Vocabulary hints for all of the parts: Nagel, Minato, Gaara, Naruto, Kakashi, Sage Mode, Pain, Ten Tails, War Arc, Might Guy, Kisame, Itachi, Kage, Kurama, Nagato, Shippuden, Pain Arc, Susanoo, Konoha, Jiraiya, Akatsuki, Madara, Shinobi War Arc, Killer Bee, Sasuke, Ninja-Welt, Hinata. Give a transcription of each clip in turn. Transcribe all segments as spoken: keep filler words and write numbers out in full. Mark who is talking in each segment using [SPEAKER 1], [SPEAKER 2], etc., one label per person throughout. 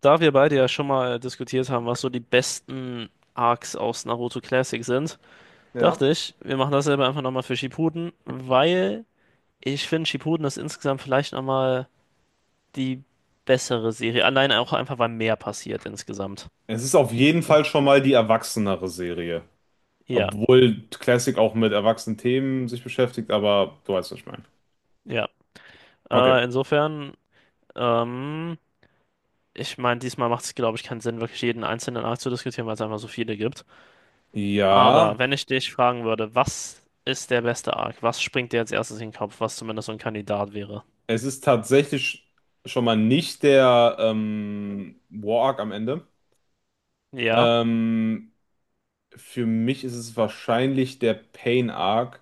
[SPEAKER 1] Da wir beide ja schon mal diskutiert haben, was so die besten Arcs aus Naruto Classic sind,
[SPEAKER 2] Ja.
[SPEAKER 1] dachte ich, wir machen dasselbe einfach nochmal für Shippuden, weil ich finde, Shippuden ist insgesamt vielleicht nochmal die bessere Serie. Allein auch einfach, weil mehr passiert insgesamt.
[SPEAKER 2] Es ist auf jeden Fall schon mal die erwachsenere Serie.
[SPEAKER 1] Ja,
[SPEAKER 2] Obwohl Classic auch mit erwachsenen Themen sich beschäftigt, aber du weißt, was ich meine.
[SPEAKER 1] ja.
[SPEAKER 2] Okay.
[SPEAKER 1] Äh, insofern, ähm, ich meine, diesmal macht es, glaube ich, keinen Sinn, wirklich jeden einzelnen Arc zu diskutieren, weil es einfach so viele gibt.
[SPEAKER 2] Ja,
[SPEAKER 1] Aber wenn ich dich fragen würde, was ist der beste Arc? Was springt dir als erstes in den Kopf, was zumindest so ein Kandidat wäre?
[SPEAKER 2] es ist tatsächlich schon mal nicht der ähm, War Arc am Ende.
[SPEAKER 1] Ja,
[SPEAKER 2] Ähm, für mich ist es wahrscheinlich der Pain Arc.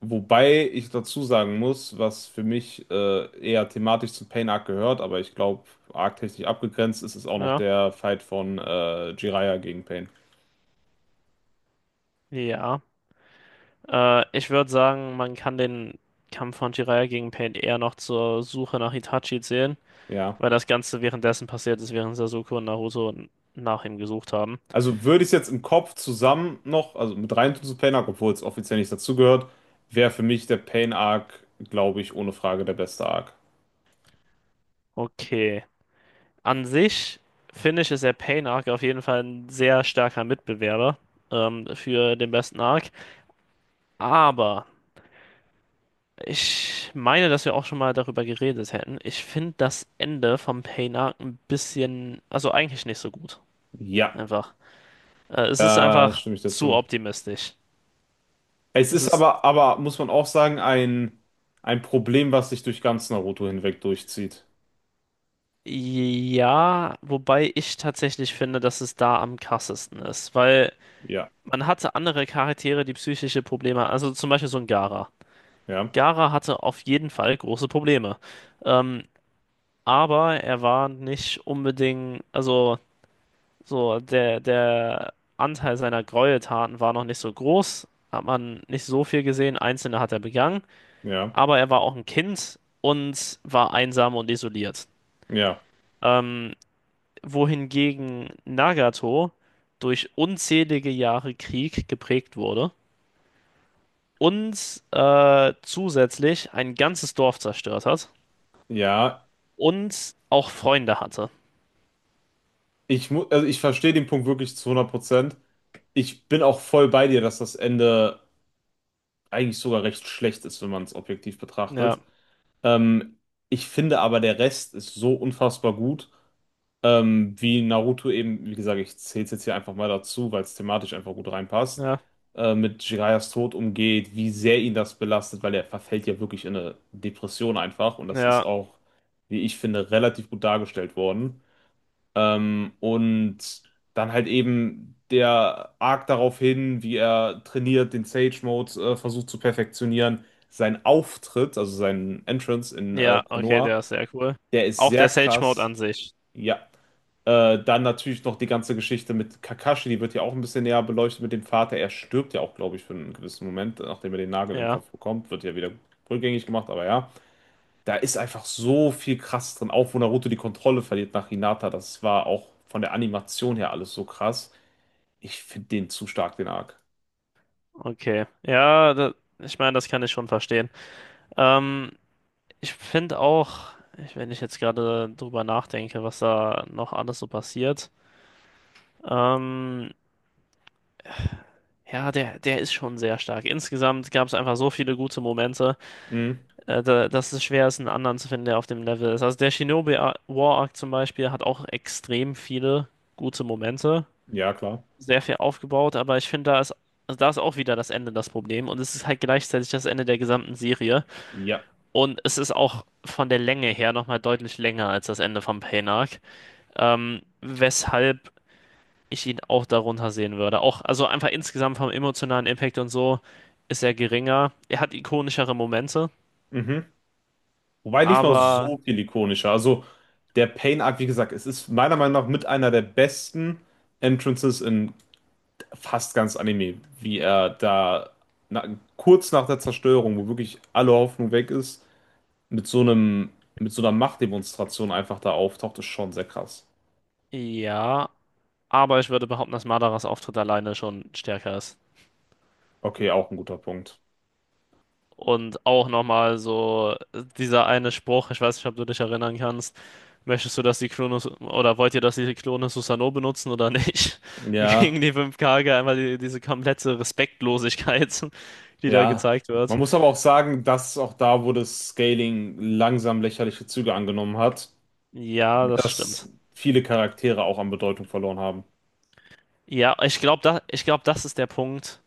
[SPEAKER 2] Wobei ich dazu sagen muss, was für mich äh, eher thematisch zu Pain Arc gehört, aber ich glaube, arc-technisch abgegrenzt ist es auch noch
[SPEAKER 1] ja,
[SPEAKER 2] der Fight von äh, Jiraiya gegen Pain.
[SPEAKER 1] ja. Äh, ich würde sagen, man kann den Kampf von Jiraiya gegen Pain eher noch zur Suche nach Itachi zählen,
[SPEAKER 2] Ja.
[SPEAKER 1] weil das Ganze währenddessen passiert ist, während Sasuke und Naruto nach ihm gesucht haben.
[SPEAKER 2] Also würde ich es jetzt im Kopf zusammen noch, also mit rein tun zu Pain Arc, obwohl es offiziell nicht dazugehört, wäre für mich der Pain Arc, glaube ich, ohne Frage der beste Arc.
[SPEAKER 1] Okay. An sich finde ich, ist der Pain Arc auf jeden Fall ein sehr starker Mitbewerber ähm, für den besten Arc. Aber. Ich meine, dass wir auch schon mal darüber geredet hätten. Ich finde das Ende vom Pain Arc ein bisschen, also eigentlich nicht so gut.
[SPEAKER 2] Ja,
[SPEAKER 1] Einfach. Äh, es ist
[SPEAKER 2] da
[SPEAKER 1] einfach
[SPEAKER 2] stimme ich
[SPEAKER 1] zu
[SPEAKER 2] dazu.
[SPEAKER 1] optimistisch.
[SPEAKER 2] Es
[SPEAKER 1] Es
[SPEAKER 2] ist
[SPEAKER 1] ist,
[SPEAKER 2] aber, aber muss man auch sagen, ein, ein Problem, was sich durch ganz Naruto hinweg durchzieht.
[SPEAKER 1] ja, wobei ich tatsächlich finde, dass es da am krassesten ist, weil
[SPEAKER 2] Ja,
[SPEAKER 1] man hatte andere Charaktere, die psychische Probleme, also zum Beispiel so ein Gaara.
[SPEAKER 2] ja,
[SPEAKER 1] Gaara hatte auf jeden Fall große Probleme. Ähm, aber er war nicht unbedingt, also. So, der, der Anteil seiner Gräueltaten war noch nicht so groß, hat man nicht so viel gesehen, einzelne hat er begangen,
[SPEAKER 2] ja,
[SPEAKER 1] aber er war auch ein Kind und war einsam und isoliert.
[SPEAKER 2] ja,
[SPEAKER 1] Ähm, wohingegen Nagato durch unzählige Jahre Krieg geprägt wurde und äh, zusätzlich ein ganzes Dorf zerstört hat
[SPEAKER 2] ja.
[SPEAKER 1] und auch Freunde hatte.
[SPEAKER 2] Ich mu also ich verstehe den Punkt wirklich zu hundert Prozent. Ich bin auch voll bei dir, dass das Ende eigentlich sogar recht schlecht ist, wenn man es objektiv betrachtet.
[SPEAKER 1] Ja,
[SPEAKER 2] Ähm, ich finde aber, der Rest ist so unfassbar gut, ähm, wie Naruto eben, wie gesagt, ich zähle es jetzt hier einfach mal dazu, weil es thematisch einfach gut reinpasst,
[SPEAKER 1] ja,
[SPEAKER 2] äh, mit Jiraias Tod umgeht, wie sehr ihn das belastet, weil er verfällt ja wirklich in eine Depression einfach und das ist
[SPEAKER 1] ja,
[SPEAKER 2] auch, wie ich finde, relativ gut dargestellt worden. Ähm, und dann halt eben der Arc darauf hin, wie er trainiert, den Sage Mode äh, versucht zu perfektionieren. Sein Auftritt, also sein Entrance in äh,
[SPEAKER 1] ja, okay, der
[SPEAKER 2] Konoha,
[SPEAKER 1] ist sehr cool.
[SPEAKER 2] der ist
[SPEAKER 1] Auch
[SPEAKER 2] sehr
[SPEAKER 1] der Sage Mode
[SPEAKER 2] krass.
[SPEAKER 1] an sich.
[SPEAKER 2] Ja. Äh, dann natürlich noch die ganze Geschichte mit Kakashi, die wird ja auch ein bisschen näher beleuchtet mit dem Vater. Er stirbt ja auch, glaube ich, für einen gewissen Moment, nachdem er den Nagel im
[SPEAKER 1] Ja.
[SPEAKER 2] Kopf bekommt. Wird ja wieder rückgängig gemacht, aber ja. Da ist einfach so viel krass drin, auch wo Naruto die Kontrolle verliert nach Hinata. Das war auch von der Animation her alles so krass. Ich finde den zu stark, den Arc.
[SPEAKER 1] Okay, ja, da, ich meine, das kann ich schon verstehen. Ähm, ich finde auch, ich- wenn ich jetzt gerade drüber nachdenke, was da noch alles so passiert, ähm, ja, der, der ist schon sehr stark. Insgesamt gab es einfach so viele gute Momente,
[SPEAKER 2] Mhm.
[SPEAKER 1] äh, da, dass es schwer ist, einen anderen zu finden, der auf dem Level ist. Also der Shinobi Ar- War Arc zum Beispiel hat auch extrem viele gute Momente,
[SPEAKER 2] Ja, klar.
[SPEAKER 1] sehr viel aufgebaut, aber ich finde, da ist, also da ist auch wieder das Ende das Problem und es ist halt gleichzeitig das Ende der gesamten Serie.
[SPEAKER 2] Ja.
[SPEAKER 1] Und es ist auch von der Länge her nochmal deutlich länger als das Ende von Pain Arc. Ähm, weshalb ich ihn auch darunter sehen würde. Auch, also einfach insgesamt vom emotionalen Impact und so ist er geringer. Er hat ikonischere Momente,
[SPEAKER 2] Mhm. Wobei nicht mal
[SPEAKER 1] aber
[SPEAKER 2] so viel ikonischer. Also der Pain-Arc, wie gesagt, es ist meiner Meinung nach mit einer der besten Entrances in fast ganz Anime, wie er da na, kurz nach der Zerstörung, wo wirklich alle Hoffnung weg ist, mit so einem, mit so einer Machtdemonstration einfach da auftaucht, ist schon sehr krass.
[SPEAKER 1] ja, aber ich würde behaupten, dass Madaras Auftritt alleine schon stärker ist.
[SPEAKER 2] Okay, auch ein guter Punkt.
[SPEAKER 1] Und auch nochmal so dieser eine Spruch, ich weiß nicht, ob du dich erinnern kannst. Möchtest du, dass die Klone oder wollt ihr, dass die Klone Susanoo benutzen oder nicht?
[SPEAKER 2] Ja,
[SPEAKER 1] Gegen die fünf Kage einmal die, diese komplette Respektlosigkeit, die da
[SPEAKER 2] ja.
[SPEAKER 1] gezeigt wird.
[SPEAKER 2] Man muss aber auch sagen, dass auch da, wo das Scaling langsam lächerliche Züge angenommen hat,
[SPEAKER 1] Ja, das stimmt.
[SPEAKER 2] dass viele Charaktere auch an Bedeutung verloren haben.
[SPEAKER 1] Ja, ich glaube, da, ich glaub, das ist der Punkt,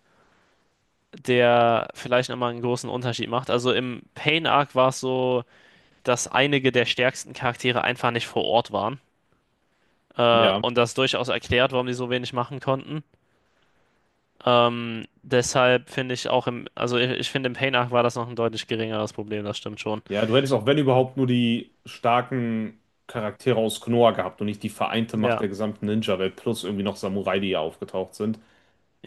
[SPEAKER 1] der vielleicht nochmal einen großen Unterschied macht. Also im Pain Arc war es so, dass einige der stärksten Charaktere einfach nicht vor Ort waren. Äh,
[SPEAKER 2] Ja.
[SPEAKER 1] und das durchaus erklärt, warum die so wenig machen konnten. Ähm, deshalb finde ich auch im, also ich, ich finde im Pain-Arc war das noch ein deutlich geringeres Problem, das stimmt schon.
[SPEAKER 2] Ja, du hättest auch, wenn überhaupt, nur die starken Charaktere aus Konoha gehabt und nicht die vereinte Macht
[SPEAKER 1] Ja,
[SPEAKER 2] der gesamten Ninja-Welt plus irgendwie noch Samurai, die hier aufgetaucht sind.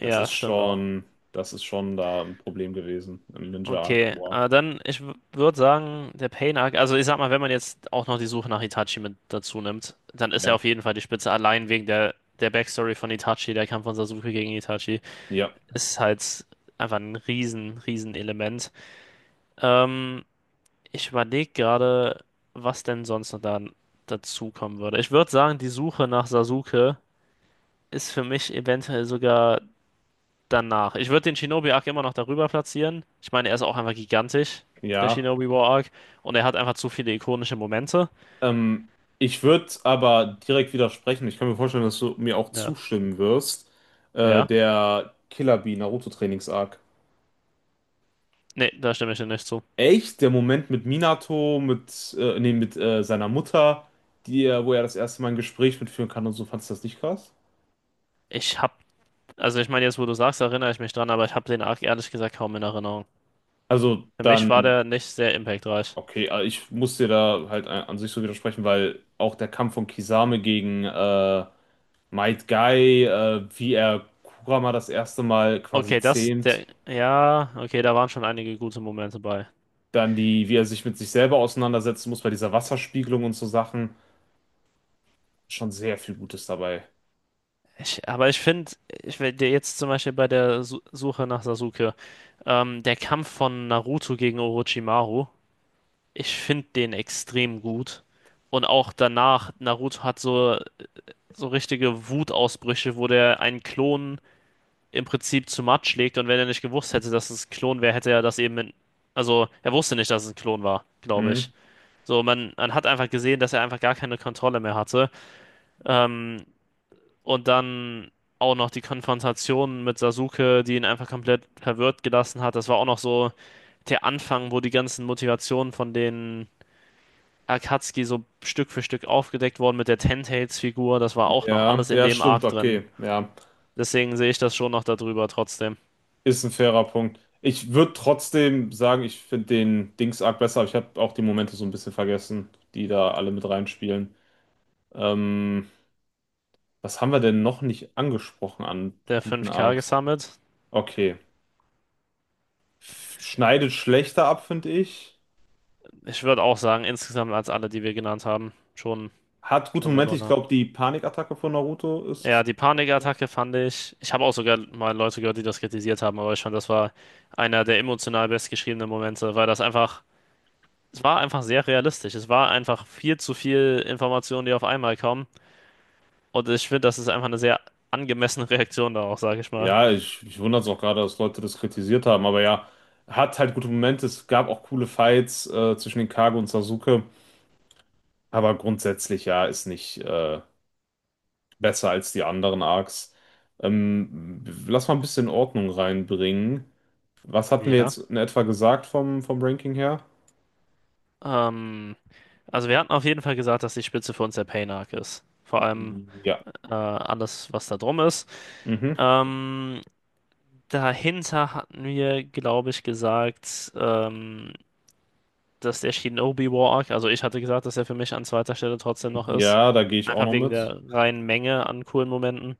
[SPEAKER 2] Das ist
[SPEAKER 1] stimmt auch.
[SPEAKER 2] schon, das ist schon da ein Problem gewesen im Ninja-Arc.
[SPEAKER 1] Okay, äh,
[SPEAKER 2] Arc.
[SPEAKER 1] dann, ich würde sagen, der Pain-Arc, also ich sag mal, wenn man jetzt auch noch die Suche nach Itachi mit dazu nimmt, dann ist er
[SPEAKER 2] Ja.
[SPEAKER 1] auf jeden Fall die Spitze, allein wegen der, der Backstory von Itachi, der Kampf von Sasuke gegen Itachi,
[SPEAKER 2] Ja.
[SPEAKER 1] ist halt einfach ein riesen, riesen Element. Ähm, ich überlege gerade, was denn sonst noch da dazu kommen würde. Ich würde sagen, die Suche nach Sasuke ist für mich eventuell sogar danach. Ich würde den Shinobi Arc immer noch darüber platzieren. Ich meine, er ist auch einfach gigantisch, der
[SPEAKER 2] Ja.
[SPEAKER 1] Shinobi War Arc. Und er hat einfach zu viele ikonische Momente.
[SPEAKER 2] Ähm, ich würde aber direkt widersprechen. Ich kann mir vorstellen, dass du mir auch
[SPEAKER 1] Ja.
[SPEAKER 2] zustimmen wirst. Äh,
[SPEAKER 1] Ja.
[SPEAKER 2] der Killer Bee Naruto Trainings Arc.
[SPEAKER 1] Nee, da stimme ich dir nicht zu.
[SPEAKER 2] Echt? Der Moment mit Minato, mit, äh, nee, mit äh, seiner Mutter, die, er- wo er das erste Mal ein Gespräch mitführen kann und so, fandest du das nicht krass?
[SPEAKER 1] Ich hab, also ich meine, jetzt wo du sagst, erinnere ich mich dran, aber ich habe den Arc ehrlich gesagt kaum in Erinnerung.
[SPEAKER 2] Also
[SPEAKER 1] Für mich war
[SPEAKER 2] dann,
[SPEAKER 1] der nicht sehr impactreich.
[SPEAKER 2] okay, äh, ich muss dir da halt an an sich so widersprechen, weil auch der Kampf von Kisame gegen äh, Might Guy, äh, wie er Kurama das erste Mal quasi
[SPEAKER 1] Okay, das,
[SPEAKER 2] zähmt.
[SPEAKER 1] der, ja, okay, da waren schon einige gute Momente bei.
[SPEAKER 2] Dann die, wie er sich mit sich selber auseinandersetzen muss bei dieser Wasserspiegelung und so Sachen. Schon sehr viel Gutes dabei.
[SPEAKER 1] Ich, aber ich finde, ich will dir jetzt zum Beispiel bei der Su Suche nach Sasuke, ähm, der Kampf von Naruto gegen Orochimaru, ich finde den extrem gut. Und auch danach, Naruto hat so, so richtige Wutausbrüche, wo der einen Klon im Prinzip zu Matsch legt. Und wenn er nicht gewusst hätte, dass es ein Klon wäre, hätte er das eben in, also er wusste nicht, dass es ein Klon war, glaube
[SPEAKER 2] Hm?
[SPEAKER 1] ich. So, man, man hat einfach gesehen, dass er einfach gar keine Kontrolle mehr hatte. Ähm, und dann auch noch die Konfrontation mit Sasuke, die ihn einfach komplett verwirrt gelassen hat. Das war auch noch so der Anfang, wo die ganzen Motivationen von den Akatsuki so Stück für Stück aufgedeckt wurden mit der Ten Tails Figur. Das war auch noch
[SPEAKER 2] Ja,
[SPEAKER 1] alles in
[SPEAKER 2] ja,
[SPEAKER 1] dem
[SPEAKER 2] stimmt,
[SPEAKER 1] Arc drin.
[SPEAKER 2] okay. Ja,
[SPEAKER 1] Deswegen sehe ich das schon noch darüber trotzdem.
[SPEAKER 2] ist ein fairer Punkt. Ich würde trotzdem sagen, ich finde den Dings Arc besser, aber ich habe auch die Momente so ein bisschen vergessen, die da alle mit reinspielen. Ähm, was haben wir denn noch nicht angesprochen an
[SPEAKER 1] Der
[SPEAKER 2] guten
[SPEAKER 1] fünf k
[SPEAKER 2] Arcs?
[SPEAKER 1] gesammelt.
[SPEAKER 2] Okay. Schneidet schlechter ab, finde ich.
[SPEAKER 1] Ich würde auch sagen, insgesamt als alle, die wir genannt haben, schon,
[SPEAKER 2] Hat gute
[SPEAKER 1] schon
[SPEAKER 2] Momente. Ich
[SPEAKER 1] darunter.
[SPEAKER 2] glaube, die Panikattacke von Naruto
[SPEAKER 1] Ja,
[SPEAKER 2] ist.
[SPEAKER 1] die Panikattacke fand ich. Ich habe auch sogar mal Leute gehört, die das kritisiert haben, aber ich fand, das war einer der emotional bestgeschriebenen Momente, weil das einfach, es war einfach sehr realistisch. Es war einfach viel zu viel Informationen, die auf einmal kommen. Und ich finde, das ist einfach eine sehr angemessene Reaktion darauf, sage ich mal.
[SPEAKER 2] Ja, ich, ich wundere es auch gerade, dass Leute das kritisiert haben, aber ja, hat halt gute Momente. Es gab auch coole Fights äh, zwischen den Kage und Sasuke, aber grundsätzlich ja, ist nicht äh, besser als die anderen Arcs. Ähm, lass mal ein bisschen Ordnung reinbringen. Was hatten wir
[SPEAKER 1] Ja.
[SPEAKER 2] jetzt in etwa gesagt vom, vom Ranking her?
[SPEAKER 1] Ähm, also wir hatten auf jeden Fall gesagt, dass die Spitze für uns der Pain-Arc ist. Vor allem
[SPEAKER 2] Ja.
[SPEAKER 1] äh, alles, was da drum ist.
[SPEAKER 2] Mhm.
[SPEAKER 1] Ähm, dahinter hatten wir, glaube ich, gesagt, ähm, dass der Shinobi War Arc, also ich hatte gesagt, dass er für mich an zweiter Stelle trotzdem noch ist.
[SPEAKER 2] Ja, da gehe ich auch
[SPEAKER 1] Einfach
[SPEAKER 2] noch
[SPEAKER 1] wegen
[SPEAKER 2] mit.
[SPEAKER 1] der reinen Menge an coolen Momenten.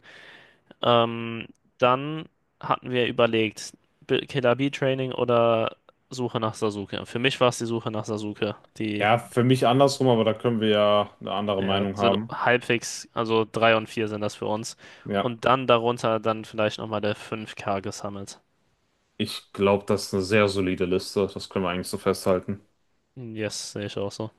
[SPEAKER 1] Ähm, dann hatten wir überlegt, B- Killer Bee Training oder Suche nach Sasuke. Für mich war es die Suche nach Sasuke. Die
[SPEAKER 2] Ja, für mich andersrum, aber da können wir ja eine andere
[SPEAKER 1] ja,
[SPEAKER 2] Meinung
[SPEAKER 1] sind
[SPEAKER 2] haben.
[SPEAKER 1] halbwegs, also drei und vier sind das für uns.
[SPEAKER 2] Ja,
[SPEAKER 1] Und dann darunter dann vielleicht nochmal der fünf k gesammelt.
[SPEAKER 2] ich glaube, das ist eine sehr solide Liste. Das können wir eigentlich so festhalten.
[SPEAKER 1] Hm, Yes, sehe ich auch so.